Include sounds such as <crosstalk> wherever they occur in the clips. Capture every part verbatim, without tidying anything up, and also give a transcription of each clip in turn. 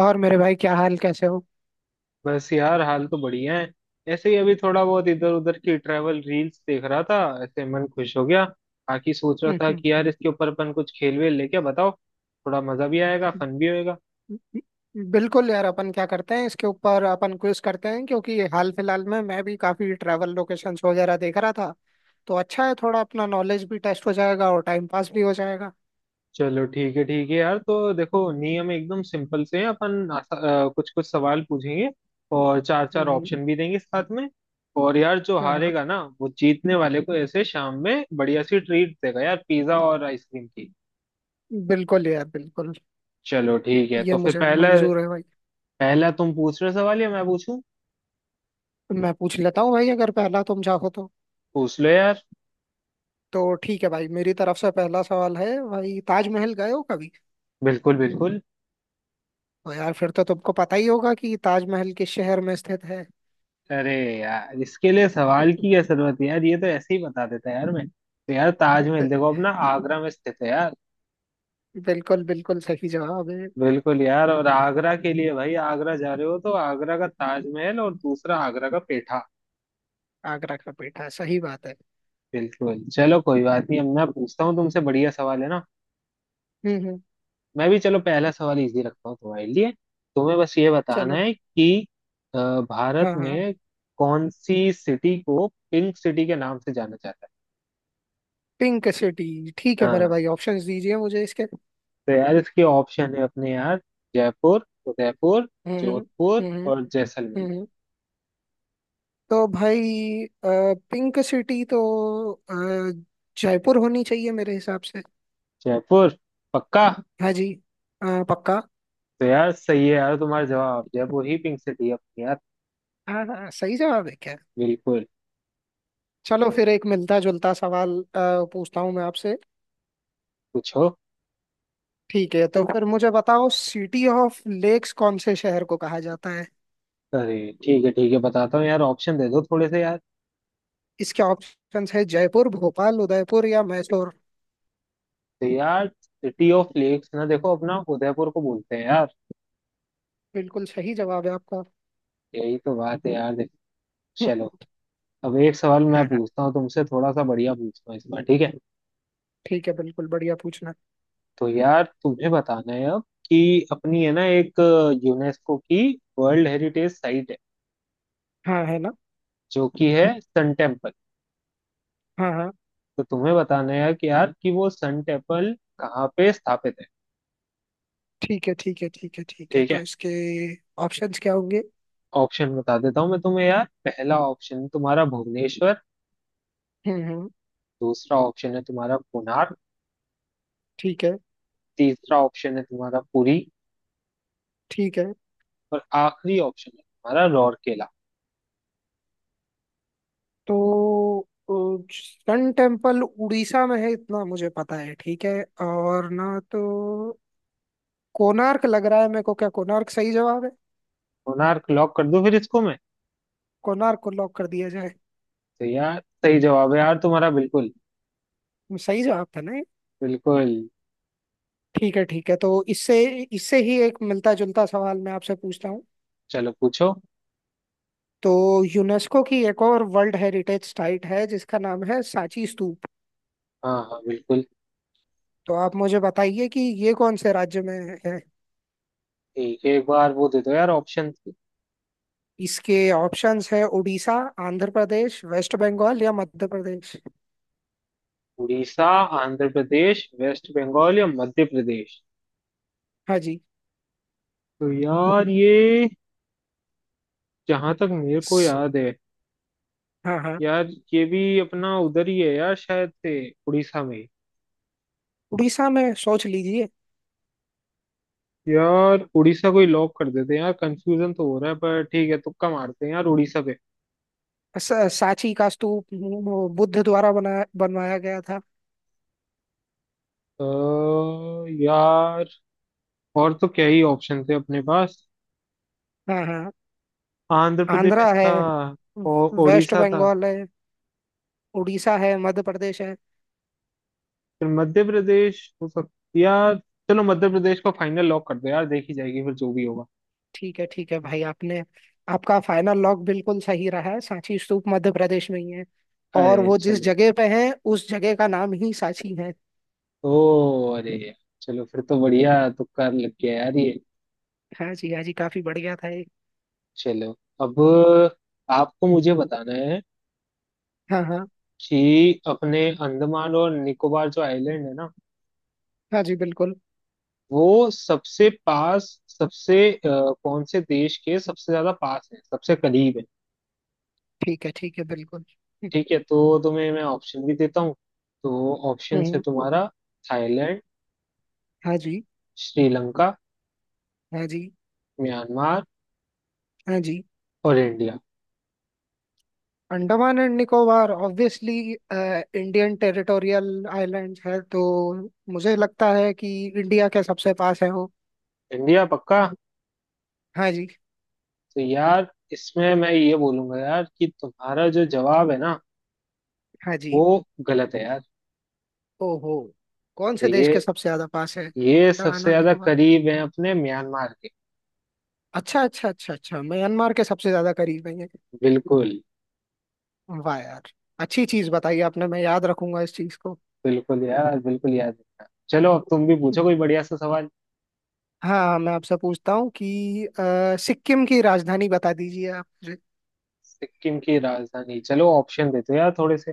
और मेरे भाई, क्या हाल कैसे हो? बस यार हाल तो बढ़िया है। ऐसे ही अभी थोड़ा बहुत इधर उधर की ट्रैवल रील्स देख रहा था। ऐसे मन खुश हो गया। बाकी सोच रहा था हम्म, कि यार इसके ऊपर अपन कुछ खेल वेल लेके बताओ। थोड़ा मजा भी आएगा, फन भी होएगा। हम्म, बिल्कुल यार अपन क्या करते हैं इसके ऊपर अपन क्विज करते हैं, क्योंकि हाल फिलहाल में मैं भी काफी ट्रैवल लोकेशंस वगैरह देख रहा था। तो अच्छा है, थोड़ा अपना नॉलेज भी टेस्ट हो जाएगा और टाइम पास भी हो जाएगा। चलो ठीक है ठीक है यार, तो देखो नियम एकदम सिंपल से है। अपन आसा, कुछ कुछ सवाल पूछेंगे और चार चार हम्म। ऑप्शन भी देंगे साथ में। और यार जो हाँ हाँ, हारेगा ना वो जीतने वाले को ऐसे शाम में बढ़िया सी ट्रीट देगा यार, पिज्जा और आइसक्रीम की। बिल्कुल यार बिल्कुल। चलो ठीक है, ये तो फिर मुझे पहला। मंजूर है भाई। पहला तुम पूछ रहे हो सवाल या मैं पूछूं? मैं पूछ लेता हूँ भाई, अगर पहला तुम चाहो तो। पूछ लो यार। तो ठीक है भाई, मेरी तरफ से पहला सवाल है भाई, ताजमहल गए हो कभी? बिल्कुल बिल्कुल। तो यार फिर तो तुमको पता ही होगा कि ताजमहल किस शहर में स्थित अरे यार, इसके लिए है। सवाल की क्या जरूरत है यार, ये तो ऐसे ही बता देता है यार। मैं तो यार ताजमहल <laughs> देखो अपना आगरा में स्थित है यार। बिल्कुल बिल्कुल सही जवाब है। बिल्कुल यार, और आगरा के लिए भाई, आगरा जा रहे हो तो आगरा का ताजमहल और दूसरा आगरा का पेठा। आगरा का पेठा सही बात है। बिल्कुल, चलो कोई बात नहीं, अब मैं पूछता हूँ तुमसे। बढ़िया सवाल है ना। हम्म हम्म। मैं भी चलो पहला सवाल इजी रखता हूँ तुम्हारे लिए। तुम्हें बस ये बताना चलो ठी- है कि अ, भारत हाँ हाँ। में कौन सी सिटी को पिंक सिटी के नाम से जाना जाता पिंक सिटी। ठीक है। है मेरे हाँ, भाई, ऑप्शंस दीजिए मुझे इसके। तो यार इसके ऑप्शन है अपने यार, जयपुर, उदयपुर, हम्म हम्म जोधपुर हम्म हम्म। और जैसलमेर। हम्म, हम्म, तो भाई, पिंक सिटी तो अ, जयपुर होनी चाहिए मेरे हिसाब से। जयपुर पक्का? हाँ जी। अ, पक्का। तो यार सही है यार तुम्हारा जवाब, जयपुर ही पिंक सिटी है अपनी यार। हाँ हाँ, सही जवाब है क्या? बिल्कुल। चलो फिर एक मिलता जुलता सवाल अ, पूछता हूँ मैं आपसे। पूछो। ठीक है, तो फिर मुझे बताओ सिटी ऑफ लेक्स कौन से शहर को कहा जाता है? अरे ठीक है ठीक है, बताता हूँ यार, ऑप्शन दे दो थोड़े से यार। इसके ऑप्शंस है जयपुर, भोपाल, उदयपुर या मैसूर। तो यार सिटी ऑफ लेक्स ना देखो अपना उदयपुर को बोलते हैं यार। बिल्कुल सही जवाब है आपका। यही तो बात है यार, देखो। चलो। <laughs> अब एक सवाल हाँ मैं हाँ, पूछता हूँ तुमसे, थोड़ा सा बढ़िया पूछता हूँ इस बार ठीक है। ठीक है, बिल्कुल बढ़िया पूछना। तो यार तुम्हें बताना है अब, कि अपनी है ना एक यूनेस्को की वर्ल्ड हेरिटेज साइट है हाँ है ना। जो कि है सन टेम्पल। हाँ हाँ। तो तुम्हें बताना है कि यार कि वो सन टेम्पल कहाँ पे स्थापित है। ठीक है ठीक है ठीक है ठीक है, ठीक तो है, इसके ऑप्शंस क्या होंगे? ऑप्शन बता देता हूँ मैं तुम्हें यार। पहला ऑप्शन है तुम्हारा भुवनेश्वर, हम्म हम्म। दूसरा ऑप्शन है तुम्हारा कोणार्क, ठीक है तीसरा ऑप्शन है तुम्हारा पुरी ठीक है। और आखिरी ऑप्शन है तुम्हारा राउरकेला। तो सन टेम्पल उड़ीसा में है इतना मुझे पता है, ठीक है। और ना तो कोणार्क लग रहा है मेरे को, क्या कोणार्क सही जवाब है? कोणार्क लॉक कर दूं फिर इसको मैं? कोणार्क को लॉक कर दिया जाए। तो यार सही जवाब है यार तुम्हारा, बिल्कुल। सही जवाब था ना? बिल्कुल। ठीक है ठीक है, तो इससे इससे ही एक मिलता जुलता सवाल मैं आपसे पूछता हूँ। चलो पूछो। तो यूनेस्को की एक और वर्ल्ड हेरिटेज साइट है जिसका नाम है सांची स्तूप। हाँ हाँ बिल्कुल। तो आप मुझे बताइए कि ये कौन से राज्य में है। ठीक है, एक बार वो दे दो यार ऑप्शन। इसके ऑप्शंस है उड़ीसा, आंध्र प्रदेश, वेस्ट बंगाल या मध्य प्रदेश। उड़ीसा, आंध्र प्रदेश, वेस्ट बंगाल या मध्य प्रदेश? हाँ जी। तो यार ये, जहां तक मेरे को स- याद है हाँ हाँ। यार, ये भी अपना उधर ही है यार शायद से, उड़ीसा में ही। उड़ीसा में सोच लीजिए। यार उड़ीसा को ही लॉक कर देते हैं यार, कंफ्यूजन तो हो रहा है पर ठीक है, तुक्का मारते हैं यार उड़ीसा पे। स- सांची का स्तूप वो बुद्ध द्वारा बना बनवाया गया था। अ, यार और तो क्या ही ऑप्शन थे अपने पास। हाँ हाँ। आंध्र आंध्रा प्रदेश है। था और वेस्ट उड़ीसा था। बंगाल है। उड़ीसा है, मध्य प्रदेश है। फिर मध्य प्रदेश हो सकता यार। चलो मध्य प्रदेश को फाइनल लॉक कर दो यार, देखी जाएगी फिर जो भी होगा। ठीक है ठीक है भाई, आपने आपका फाइनल लॉक बिल्कुल सही रहा है, सांची स्तूप मध्य प्रदेश में ही है। और अरे वो जिस चलो। जगह पे है उस जगह का नाम ही सांची है। ओ अरे यार, चलो फिर तो बढ़िया तुक्का लग गया यार ये। हाँ जी हाँ जी, काफी बढ़िया था ये। चलो। अब आपको मुझे बताना है, हाँ हाँ। कि अपने अंडमान और निकोबार जो आइलैंड है ना, हाँ जी बिल्कुल। वो सबसे पास, सबसे अ, कौन से देश के सबसे ज्यादा पास है, सबसे करीब है। ठीक है ठीक है बिल्कुल। हम्म ठीक है, तो तुम्हें मैं ऑप्शन भी देता हूँ। तो ऑप्शन है हम्म, तुम्हारा थाईलैंड, हाँ जी श्रीलंका, हाँ जी म्यांमार हाँ जी। और India. Andaman and Nicobar obviously Indian territorial island है, तो मुझे लगता है कि इंडिया के सबसे पास है वो। इंडिया पक्का? हाँ जी। तो यार इसमें मैं ये बोलूंगा यार कि तुम्हारा जो जवाब है ना, हाँ वो जी। गलत है यार। ओहो। कौन तो से देश ये के सबसे ज्यादा पास है ये अंडमान सबसे और ज्यादा निकोबार? करीब है अपने म्यांमार के। अच्छा अच्छा अच्छा अच्छा, म्यांमार के सबसे ज्यादा करीब है ये। बिल्कुल। वाह यार। अच्छी चीज बताई आपने, मैं याद रखूंगा इस चीज को। बिल्कुल यार बिल्कुल याद रखना। चलो अब तुम भी पूछो कोई बढ़िया सा सवाल। हाँ हाँ, मैं आपसे पूछता हूँ कि अ, सिक्किम की राजधानी बता दीजिए आप मुझे। सिक्किम की राजधानी, चलो ऑप्शन देते हो यार थोड़े से।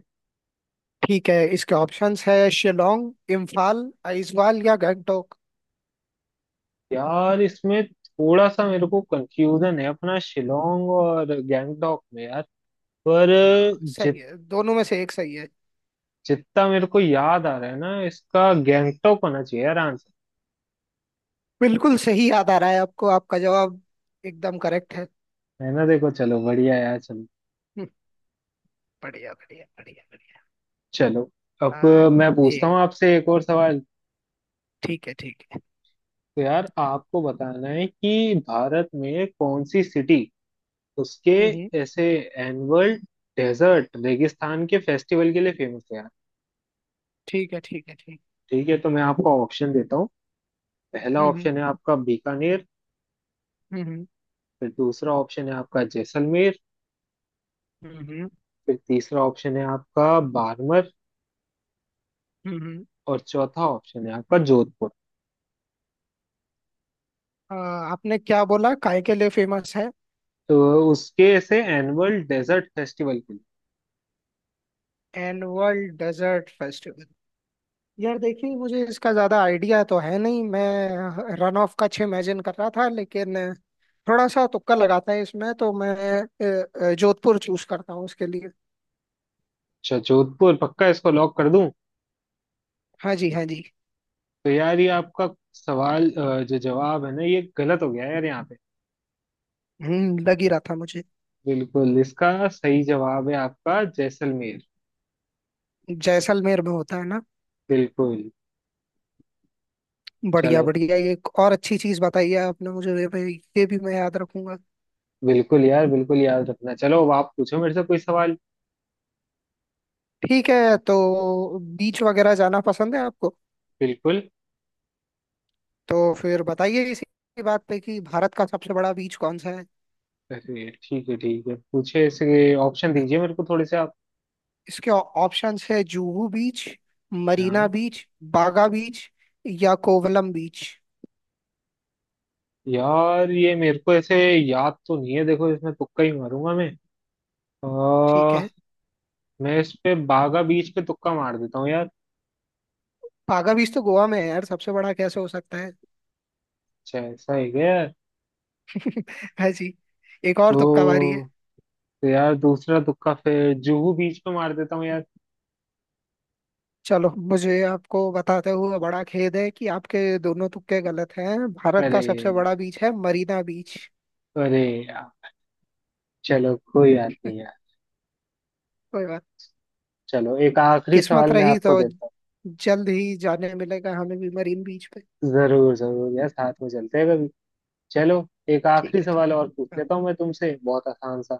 ठीक है, इसके ऑप्शंस है शिलोंग, इम्फाल, आइजवाल या गैंगटोक। यार इसमें थोड़ा सा मेरे को कंफ्यूजन है अपना शिलोंग और गैंगटॉक में यार। पर हाँ सही जित है, दोनों में से एक सही है। जितना मेरे को याद आ रहा है ना, इसका गैंगटॉक होना चाहिए यार आंसर। बिल्कुल सही याद आ रहा है आपको, आपका जवाब एकदम करेक्ट है। है ना, देखो चलो बढ़िया यार। चलो। हम्म, बढ़िया बढ़िया बढ़िया बढ़िया। चलो अब हाँ, मैं पूछता हूँ ये आपसे एक और सवाल। ठीक है ठीक है। तो यार आपको बताना है कि भारत में कौन सी सिटी उसके हम्म हम्म, ऐसे एनुअल डेजर्ट रेगिस्तान के फेस्टिवल के लिए फेमस है यार। ठीक है ठीक है ठीक। ठीक है, तो मैं आपको ऑप्शन देता हूँ। पहला हम्म ऑप्शन है आपका बीकानेर, हम्म हम्म फिर दूसरा ऑप्शन है आपका जैसलमेर, हम्म फिर तीसरा ऑप्शन है आपका बाड़मेर हम्म हम्म। और चौथा ऑप्शन है आपका जोधपुर। आ, आपने क्या बोला काय के लिए फेमस है? तो उसके ऐसे एनुअल डेजर्ट फेस्टिवल के लिए। Annual desert festival. यार देखिए, मुझे इसका ज्यादा आइडिया तो है नहीं, मैं रन ऑफ का छह इमेजिन कर रहा था लेकिन थोड़ा सा तुक्का लगाता है, इसमें तो मैं अ, अ, जोधपुर चूज करता हूँ इसके लिए। अच्छा जोधपुर पक्का, इसको लॉक कर दूं? हाँ जी हाँ जी। तो यार ये आपका सवाल, अ, जो जवाब है ना ये गलत हो गया यार यहाँ पे। हम्म, लग ही रहा था मुझे। बिल्कुल, इसका सही जवाब है आपका जैसलमेर। जैसलमेर में होता है ना? बिल्कुल। बढ़िया चलो। बढ़िया, ये एक और अच्छी चीज बताई है आपने मुझे ये भी। ये भी मैं याद रखूंगा। बिल्कुल यार बिल्कुल याद रखना। चलो अब आप पूछो मेरे से कोई सवाल। ठीक है, तो बीच वगैरह जाना पसंद है आपको? बिल्कुल। तो फिर बताइए इसी बात पे कि भारत का सबसे बड़ा बीच कौन सा है? अरे ठीक है ठीक है पूछे, इसके ऑप्शन दीजिए मेरे को थोड़े से। इसके ऑप्शंस है जुहू बीच, मरीना आप बीच, बागा बीच या कोवलम बीच। यार ये मेरे को ऐसे याद तो नहीं है, देखो इसमें तुक्का ही मारूंगा मैं। ठीक आ, है। मैं इस पे बागा बीच पे तुक्का मार देता हूँ यार। बागा बीच तो गोवा में है यार, सबसे बड़ा कैसे हो सकता है? अच्छा ऐसा है क्या यार? <laughs> है जी। एक और तुक्का मारी है। तो, तो यार दूसरा तुक्का फिर जुहू बीच पे मार देता हूँ यार। चलो, मुझे आपको बताते हुए बड़ा खेद है कि आपके दोनों तुक्के गलत हैं, भारत अरे। का सबसे बड़ा बीच है मरीना बीच। अरे यार चलो कोई बात नहीं यार। चलो एक आखिरी किस्मत सवाल मैं रही तो आपको देता जल्द ही जाने मिलेगा हमें भी मरीन बीच पे। हूँ। जरूर जरूर यार, साथ में चलते हैं कभी। चलो। एक ठीक आखिरी है सवाल ठीक और पूछ है। लेता हूँ मैं तुमसे, बहुत आसान सा।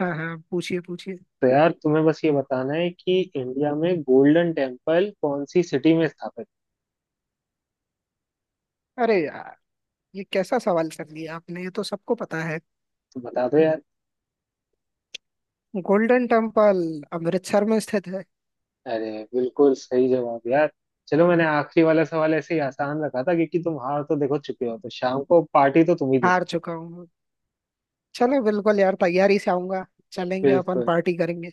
हाँ हाँ, पूछिए पूछिए। तो यार तुम्हें बस ये बताना है कि इंडिया में गोल्डन टेम्पल कौन सी सिटी में स्थापित। अरे यार, ये कैसा सवाल कर लिया आपने, ये तो सबको पता है। तो बता दो यार। गोल्डन टेम्पल अमृतसर में स्थित है। अरे बिल्कुल सही जवाब यार। चलो मैंने आखिरी वाला सवाल ऐसे ही आसान रखा था, क्योंकि तुम हार तो देखो चुके हो, तो शाम को पार्टी तो तुम ही दे रहे हार चुका हूँ। चलो बिल्कुल यार, तैयारी से आऊंगा। हो। चलेंगे अपन बिल्कुल। पार्टी करेंगे।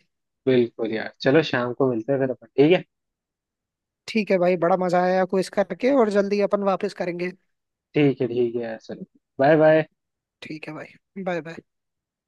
बिल्कुल यार चलो, शाम को मिलते हैं फिर अपन, ठीक है। ठीक है भाई, बड़ा मजा आया क्विज करके और जल्दी अपन वापस करेंगे। ठीक है ठीक है यार, चलो। Bye bye. ठीक है भाई, बाय बाय।